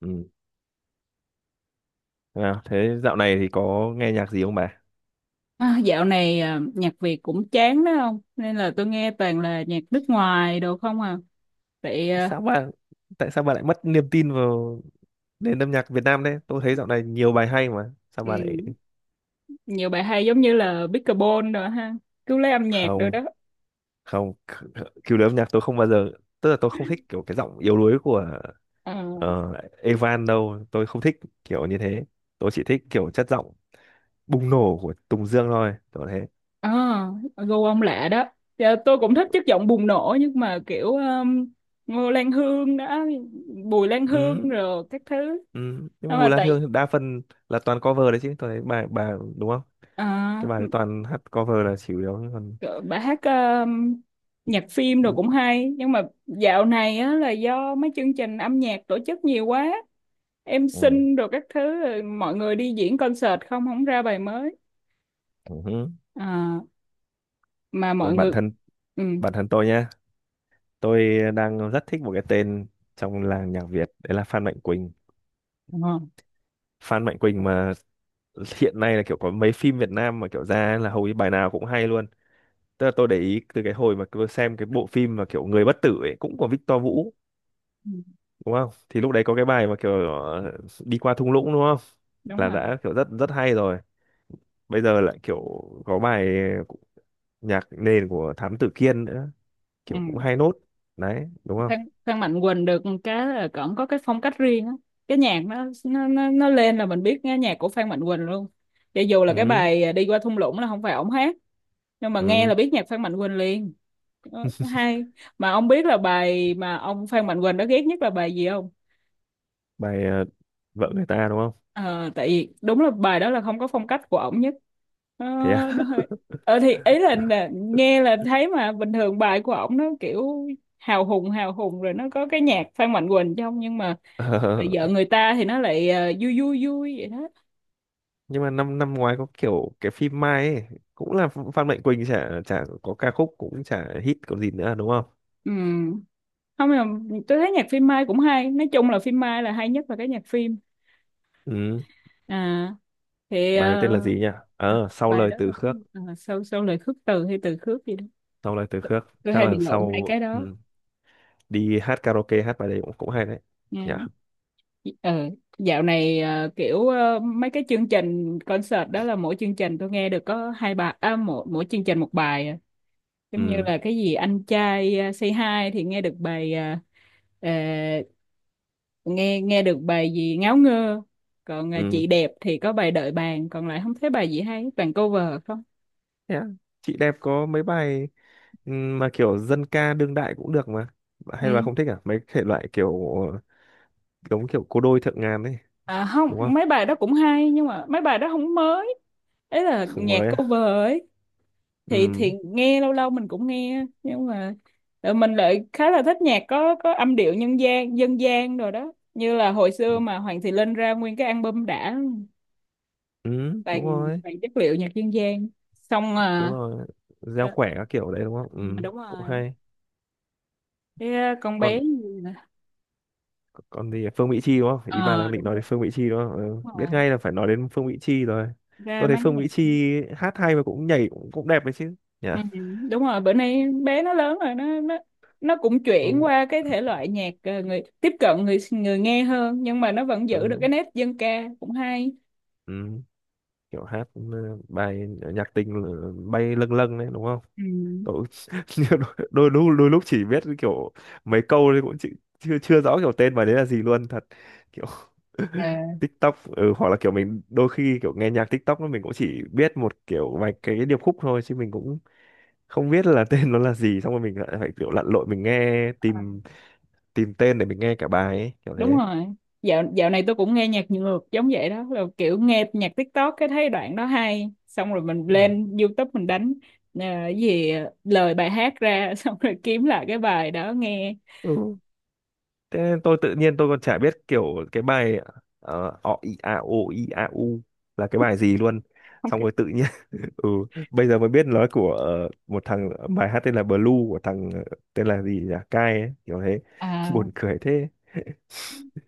Ừ. À, thế dạo này thì có nghe nhạc gì không bà? À, dạo này à, nhạc Việt cũng chán đó không? Nên là tôi nghe toàn là nhạc nước ngoài đồ không à. Vậy Tại à, sao bà tại sao bà lại mất niềm tin vào nền âm nhạc Việt Nam đấy? Tôi thấy dạo này nhiều bài hay mà. Sao ừ, bà lại? nhiều bài hay giống như là Bicarbonate rồi ha. Cứu lấy âm nhạc rồi Không đó. không k- Kiểu đấy âm nhạc tôi không bao giờ, tức là tôi không thích kiểu cái giọng yếu đuối của Ờ, ờ, Evan đâu, tôi không thích kiểu như thế. Tôi chỉ thích kiểu chất giọng bùng nổ của Tùng Dương thôi, tôi thế. à, gu ông lạ đó. Dạ, tôi cũng thích chất giọng bùng nổ nhưng mà kiểu Ngô Lan Hương đó, Bùi Lan Hương Ừ, rồi các thứ. ừ. Nhưng mà Nhưng mà Bùi Lan tại Hương đa phần là toàn cover đấy chứ, tôi thấy bà đúng không? Cái à, bài toàn hát cover là chủ yếu còn. Ờ, bà hát nhạc phim rồi Ừ. cũng hay nhưng mà dạo này á, là do mấy chương trình âm nhạc tổ chức nhiều quá em Ừ. xin rồi các thứ rồi mọi người đi diễn concert không không ra bài mới Hứ. à, mà mọi Còn bản người thân ừ, bản thân tôi nhá, tôi đang rất thích một cái tên trong làng nhạc Việt đấy là Phan Mạnh Quỳnh. đúng rồi. Phan Mạnh Quỳnh mà hiện nay là kiểu có mấy phim Việt Nam mà kiểu ra là hầu như bài nào cũng hay luôn. Tức là tôi để ý từ cái hồi mà tôi xem cái bộ phim mà kiểu Người Bất Tử ấy cũng của Victor Vũ Ừ, đúng không? Thì lúc đấy có cái bài mà kiểu đi qua thung lũng đúng không? đúng Là rồi đã kiểu rất rất hay rồi. Bây giờ lại kiểu có bài nhạc nền của Thám Tử Kiên nữa, kiểu cũng ừ. hay nốt. Đấy, đúng không? Phan Phan Mạnh Quỳnh được cái là cổng có cái phong cách riêng á, cái nhạc nó lên là mình biết nghe nhạc của Phan Mạnh Quỳnh luôn, cho dù là cái Ừ. bài à, đi qua thung lũng là không phải ổng hát nhưng mà nghe Ừ. là biết nhạc Phan Mạnh Quỳnh liền. Ờ, hay. Mà ông biết là bài mà ông Phan Mạnh Quỳnh đó ghét nhất là bài gì không? Bài vợ người ta đúng không? Ờ, tại vì đúng là bài đó là không có phong cách của ổng nhất. Ờ, Thế à? nó hơi ờ, thì ý là nè, nghe là thấy mà bình thường bài của ổng nó kiểu hào hùng rồi nó có cái nhạc Phan Mạnh Quỳnh trong, nhưng mà Ờ, bài vợ người ta thì nó lại vui vui vui vậy đó. nhưng mà năm năm ngoái có kiểu cái phim Mai ấy, cũng là Phan Mạnh Quỳnh chả chả có ca khúc cũng chả hit còn gì nữa đúng không? Ừ. Không là tôi thấy nhạc phim Mai cũng hay, nói chung là phim Mai là hay nhất là cái nhạc phim. Ừ. À, thì Bài này tên là ờ, gì nhỉ? à, Sau bài lời đó là từ cái gì? khước, À, sau sau lời khước từ hay từ khước gì đó, sau lời từ khước, tôi chắc hay bị là lộn hai sau. cái đó. Ừ. Đi hát karaoke hát bài đấy cũng cũng hay đấy nhỉ. Ừ. Ừ, dạo này ờ, kiểu ờ, mấy cái chương trình concert đó là mỗi chương trình tôi nghe được có hai bài à, mỗi mỗi chương trình một bài à. Giống như Ừ. là cái gì anh trai ờ, Say Hi thì nghe được bài ờ, ờ, nghe nghe được bài gì ngáo ngơ, còn ờ, Ừ. chị đẹp thì có bài đợi bàn, còn lại không thấy bài gì hay, toàn cover không. Thế à? Chị đẹp có mấy bài, ừ, mà kiểu dân ca đương đại cũng được mà. Hay là Ừ. không thích à mấy thể loại kiểu giống kiểu cô đôi thượng ngàn ấy À, không, đúng không? mấy bài đó cũng hay nhưng mà mấy bài đó không mới, ấy là Không nhạc mới à? cover ấy. Ừ, Thì nghe lâu lâu mình cũng nghe nhưng mà ờ, mình lại khá là thích nhạc có âm điệu nhân gian dân gian rồi đó, như là hồi xưa mà Hoàng Thị Linh ra nguyên cái album đã ừ, toàn đúng rồi, toàn chất liệu nhạc dân gian, xong đúng à, rồi. Gieo ờ, quẻ các kiểu đấy đúng không? Ừ, đúng cũng rồi. hay. Cái ờ, con bé còn gì nè. còn thì Phương Mỹ Chi đúng không, ý bà đang Ờ, định đúng nói đúng, đến Phương Mỹ Chi đúng không? Ừ. đúng Biết rồi, ngay là phải nói đến Phương Mỹ Chi rồi. ra Tôi thấy máng Phương Mỹ nhạc. Chi hát hay mà cũng nhảy cũng đẹp đấy chứ nhỉ? Ừ, đúng rồi, bữa nay bé nó lớn rồi, nó nó cũng chuyển Ừ. qua cái thể loại nhạc ờ, người tiếp cận người người nghe hơn nhưng mà nó vẫn giữ được Ừ. cái nét dân ca, cũng hay. Ừ. Kiểu hát, ừ, bài nhạc tình, ừ, bay lâng lâng đấy đúng không? Ừ. Cậu đôi lúc chỉ biết kiểu mấy câu thì cũng chỉ, chưa chưa rõ kiểu tên bài đấy là gì luôn thật, kiểu À, TikTok, ừ, hoặc là kiểu mình đôi khi kiểu nghe nhạc TikTok nó mình cũng chỉ biết một kiểu vài cái điệp khúc thôi chứ mình cũng không biết là tên nó là gì, xong rồi mình lại phải kiểu lặn lội mình nghe tìm tìm tên để mình nghe cả bài ấy, kiểu đúng thế. rồi. Dạo dạo này tôi cũng nghe nhạc ngược giống vậy đó, là kiểu nghe nhạc TikTok cái thấy đoạn đó hay, xong rồi mình Ừ. lên YouTube mình đánh à, cái gì lời bài hát ra xong rồi kiếm lại cái bài đó nghe. Ừ. Thế nên tôi tự nhiên tôi còn chả biết kiểu cái bài ọ i a o i a u là cái bài gì luôn, Ok. xong rồi tự nhiên, ừ, bây giờ mới biết nó của một thằng, bài hát tên là Blue của thằng, tên là gì nhỉ, Kai ấy, kiểu thế À, buồn cười thế.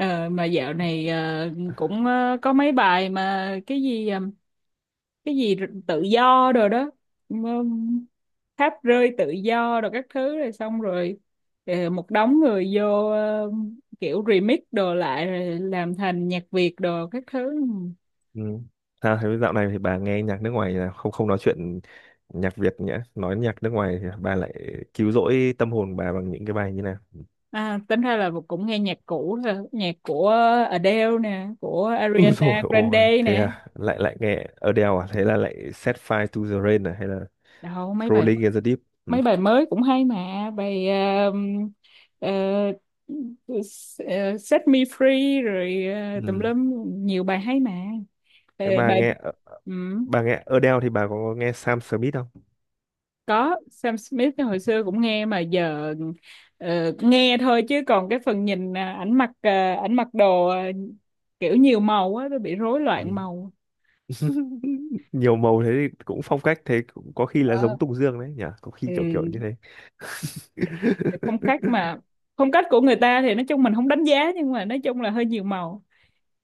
Ờ, mà dạo này ờ, cũng ờ, có mấy bài mà cái gì ờ, tự do rồi đó um, tháp rơi tự do rồi các thứ rồi xong rồi ờ, một đống người vô ờ, kiểu remix đồ lại rồi làm thành nhạc Việt đồ các thứ. Ừ. Sao thế, dạo này thì bà nghe nhạc nước ngoài là không không nói chuyện nhạc Việt nhỉ? Nói nhạc nước ngoài thì bà lại cứu rỗi tâm hồn bà bằng những cái bài như nào? À, tính ra là cũng nghe nhạc cũ thôi, nhạc của Adele nè, của Úi dồi Ariana ôi, Grande thế nè. à, lại lại nghe Adele à? Thế là lại Set Fire to the Rain à hay là Đâu mấy bài, Rolling in the Deep? Ừ. mấy bài mới cũng hay mà, bài ờ, ờ, ờ, Set Me Free rồi ờ, tùm Ừ. lum, nhiều bài hay mà. Ờ, thế bà bài nghe ờ, ừ, Bà nghe Adele thì bà có nghe Sam Smith không? có Sam Smith hồi xưa cũng nghe mà giờ ờ, nghe thôi chứ còn cái phần nhìn à, ảnh mặc đồ à, kiểu nhiều màu á, tôi bị rối Ừ. loạn màu. Nhiều màu thế thì cũng phong cách, thế cũng có khi là giống Đó. Tùng Dương đấy nhỉ, có khi Ừ. kiểu kiểu như thế Phong cách mà, phong cách của người ta thì nói chung mình không đánh giá, nhưng mà nói chung là hơi nhiều màu.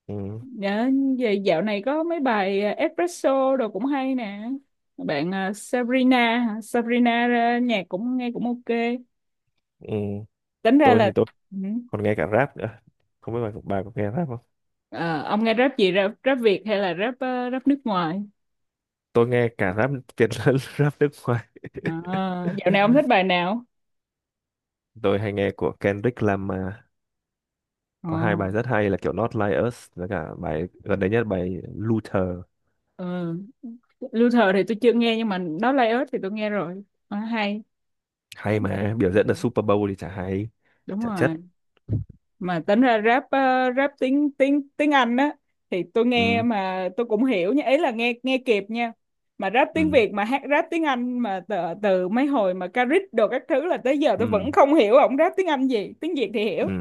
ừ, Dạ, vậy dạo này có mấy bài à, espresso đồ cũng hay nè. Bạn à, Sabrina, hả? Sabrina ra nhạc cũng nghe cũng ok. ừ. Tính ra Tôi thì là tôi ừ. còn nghe cả rap nữa, không biết bà có nghe rap không? Ờ, ông nghe rap gì, rap, rap Việt hay là rap ờ, rap nước ngoài? Tôi nghe cả rap Việt lẫn rap nước ngoài. À, dạo này ông thích bài nào? Tôi hay nghe của Kendrick Lamar, có hai Ờ, bài rất hay là kiểu Not Like Us với cả bài gần đây nhất, bài Luther, ờ. Luther thì tôi chưa nghe nhưng mà đó Lay Earth thì tôi nghe rồi. Ờ, hay. hay mà. Biểu Ừ, diễn ở Super Bowl thì chả hay, đúng chả rồi. chất. Mà tính ra rap ờ, rap tiếng tiếng tiếng Anh á thì tôi nghe Ừ, mà tôi cũng hiểu nha, ấy là nghe nghe kịp nha, mà rap ừ, tiếng Việt mà hát rap tiếng Anh mà từ, từ mấy hồi mà Caric đồ các thứ là tới giờ tôi ừ, vẫn không hiểu ổng rap tiếng Anh gì, tiếng Việt thì ừ, hiểu.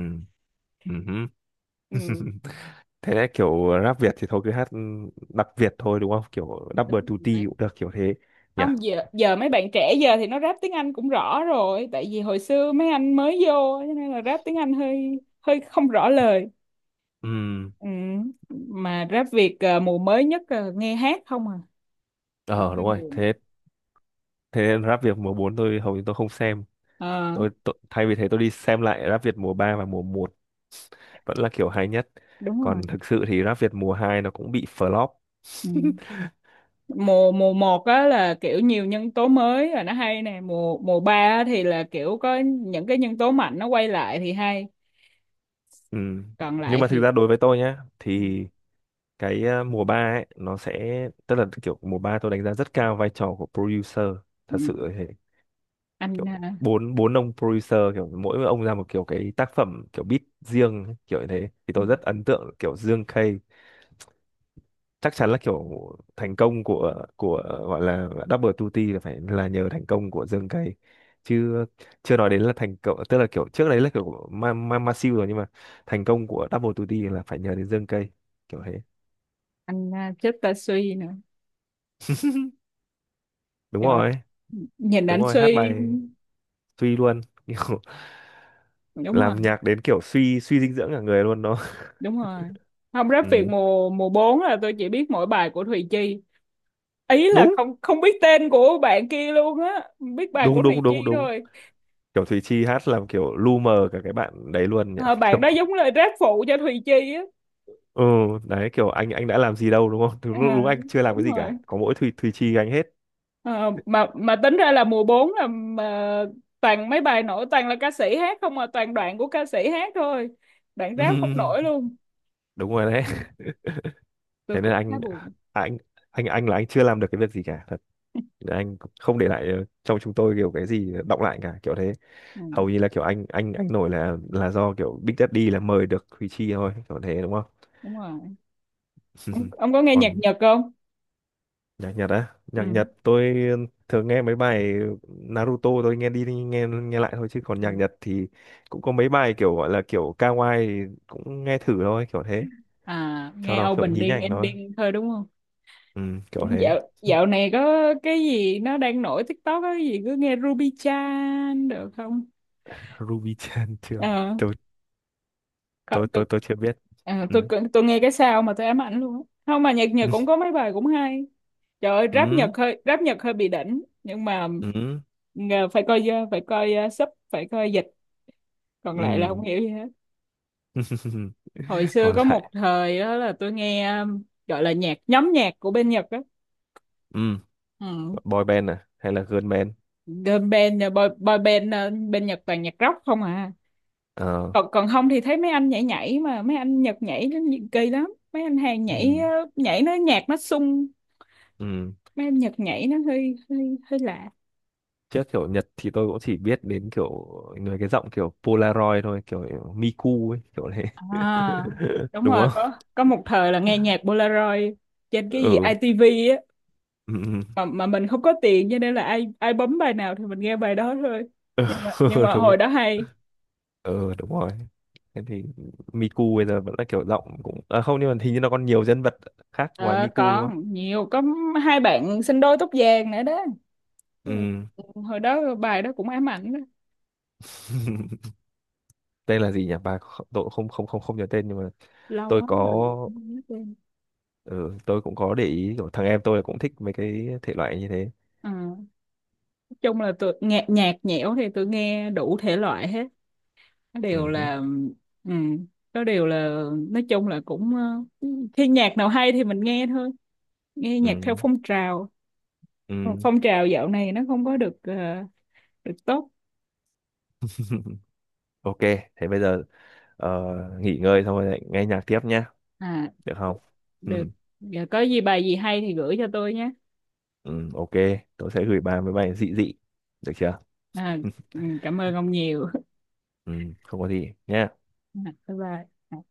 ừ, ừ, hứ. Ừ. Thế đấy kiểu rap Việt thì thôi cứ hát đặc Việt thôi đúng không, kiểu double Đúng duty rồi. cũng được, kiểu thế nhỉ. Không, giờ giờ mấy bạn trẻ giờ thì nó rap tiếng Anh cũng rõ rồi, tại vì hồi xưa mấy anh mới vô cho nên là rap tiếng Anh hơi hơi không rõ lời. Ừm, Ừ. Mà rap Việt ờ, mùa mới nhất ờ, nghe hát không à, cũng ờ hơi đúng rồi. buồn. Thế thế nên rap Việt mùa 4 tôi hầu như tôi không xem, Ờ, tôi thay vì thế tôi đi xem lại rap Việt mùa 3 và mùa một vẫn là kiểu hay nhất. đúng Còn rồi. thực sự thì rap Việt mùa 2 nó cũng bị flop. Ừ. Mùa mùa một á là kiểu nhiều nhân tố mới là nó hay nè, mùa mùa 3 á thì là kiểu có những cái nhân tố mạnh nó quay lại thì hay. Ừm, Còn nhưng lại mà thực thì ra đối với tôi nhá ừ, thì cái mùa 3 ấy nó sẽ, tức là kiểu mùa 3 tôi đánh giá rất cao vai trò của producer thật sự, ừ, kiểu anh à, bốn bốn ông producer kiểu mỗi ông ra một kiểu cái tác phẩm kiểu beat riêng kiểu như thế thì ừ, tôi rất ấn tượng kiểu Dương K. Chắc chắn là kiểu thành công của gọi là Double tutti là phải là nhờ thành công của Dương K chứ. Chưa nói đến là thành công, tức là kiểu trước đấy là kiểu của Ma Siêu rồi nhưng mà thành công của Double tutti là phải nhờ đến Dương K, kiểu thế. anh à, chết ta suy nữa. Đúng Trời, rồi, nhìn đúng anh rồi, hát suy, bài suy luôn kiểu đúng rồi, làm nhạc đến kiểu suy suy dinh dưỡng cả người luôn đó. đúng rồi. Không, rap Việt Ừ. mùa mùa 4 là tôi chỉ biết mỗi bài của Thùy Chi. Ý là Đúng, không không biết tên của bạn kia luôn á, biết bài của đúng, Thùy đúng, đúng, Chi đúng, thôi. kiểu Thùy Chi hát làm kiểu lu mờ cả cái bạn đấy luôn nhỉ Ờ, bạn kiểu đó giống lời rap phụ cho Thùy Chi á. ừ. Đấy kiểu anh đã làm gì đâu đúng không? Đúng, đúng À, anh chưa làm đúng cái gì cả, rồi. có mỗi Thùy Thùy Chi anh hết. Ờ, mà tính ra là mùa 4 là mà toàn mấy bài nổi toàn là ca sĩ hát không, mà toàn đoạn của ca sĩ hát thôi. Đoạn rap không nổi luôn. Đúng rồi đấy, Tôi thế nên cũng khá buồn. anh anh là anh chưa làm được cái việc gì cả thật, anh không để lại trong chúng tôi kiểu cái gì đọng lại cả, kiểu thế. Ừ, Hầu như là kiểu anh nổi là do kiểu Big Daddy là mời được Thùy Chi thôi, kiểu thế đúng không? đúng rồi. Ông có nghe nhạc Còn Nhật không? nhạc Nhật á, nhạc Ừ. Nhật tôi thường nghe mấy bài Naruto, tôi nghe đi nghe nghe lại thôi chứ còn Ừ. nhạc Nhật thì cũng có mấy bài kiểu gọi là kiểu kawaii thì cũng nghe thử thôi, kiểu thế, À, cho nghe nó kiểu nhí opening nhảnh thôi. ending thôi đúng không? Ừ, Ừ, kiểu thế. Dạo dạo này có cái gì nó đang nổi TikTok á, cái gì cứ nghe Ruby Chan được không? Ruby Chan chưa? Ờ, Tôi Cậu- tôi tôi, tôi tôi chưa biết. à, Ừ. Tôi nghe cái sao mà tôi ám ảnh luôn á. Không, mà nhạc Nhật cũng có mấy bài cũng hay. Trời ơi, rap Nhật Ừ. hơi, rap Nhật hơi bị đỉnh, nhưng mà Ừ. Phải coi ờ, sub, phải coi dịch, còn lại là không Ừ. hiểu gì hết. Hồi xưa Còn có một lại, thời đó là tôi nghe ờ, gọi là nhạc, nhóm nhạc của bên Nhật á. ừ, Ừ. boy band à hay là girl band? Girl band ờ, boy band ờ, bên Nhật toàn nhạc rock không à, Ờ. còn còn không thì thấy mấy anh nhảy nhảy mà mấy anh Nhật nhảy nó kỳ lắm, mấy anh Hàn nhảy Ừ. ờ, nhảy nó nhạc nó sung, Ừ. mấy âm nhạc nhảy nó hơi hơi hơi lạ. Chứ kiểu Nhật thì tôi cũng chỉ biết đến kiểu người cái giọng kiểu Polaroid thôi, kiểu Miku ấy, kiểu thế À, đúng đúng rồi, không? có một thời là nghe nhạc Polaroid trên cái gì Ừ. ITV á, Ừ, ừ. mà mình không có tiền cho nên là ai ai bấm bài nào thì mình nghe bài đó thôi, nhưng mà nhưng mà Đúng, hồi đó hay. ừ, đúng rồi. Thế thì Miku bây giờ vẫn là kiểu giọng cũng, à, không, nhưng mà hình như là còn nhiều nhân vật khác ngoài Ờ, Miku đúng không? còn nhiều, có hai bạn sinh đôi tóc vàng nữa đó, Ừ. hồi đó bài đó cũng ám ảnh đó, Tên là gì nhỉ bà, tôi cũng không không không không nhớ tên nhưng mà lâu tôi quá có, rồi. ừ, tôi cũng có để ý kiểu thằng em tôi cũng thích mấy cái thể loại như thế. Ờ, nói chung là tụi nhạc nhạc nhẽo thì tụi nghe đủ thể loại hết, nó Ừ đều hứ, là ừ, nó đều là nói chung là cũng ờ, khi nhạc nào hay thì mình nghe thôi, nghe ừ, nhạc theo phong trào. Còn ừ. phong trào dạo này nó không có được ờ, được tốt. Ok, thế bây giờ. Ờ, nghỉ ngơi xong rồi lại nghe nhạc tiếp nhá, À, được không? Ừ, được, giờ có gì bài gì hay thì gửi cho tôi nhé. ừ, ok, tôi sẽ gửi bài với bài dị dị, được chưa? À, ừ, cảm ơn ông nhiều Ừ, không có gì nhá. À, bye bye. À.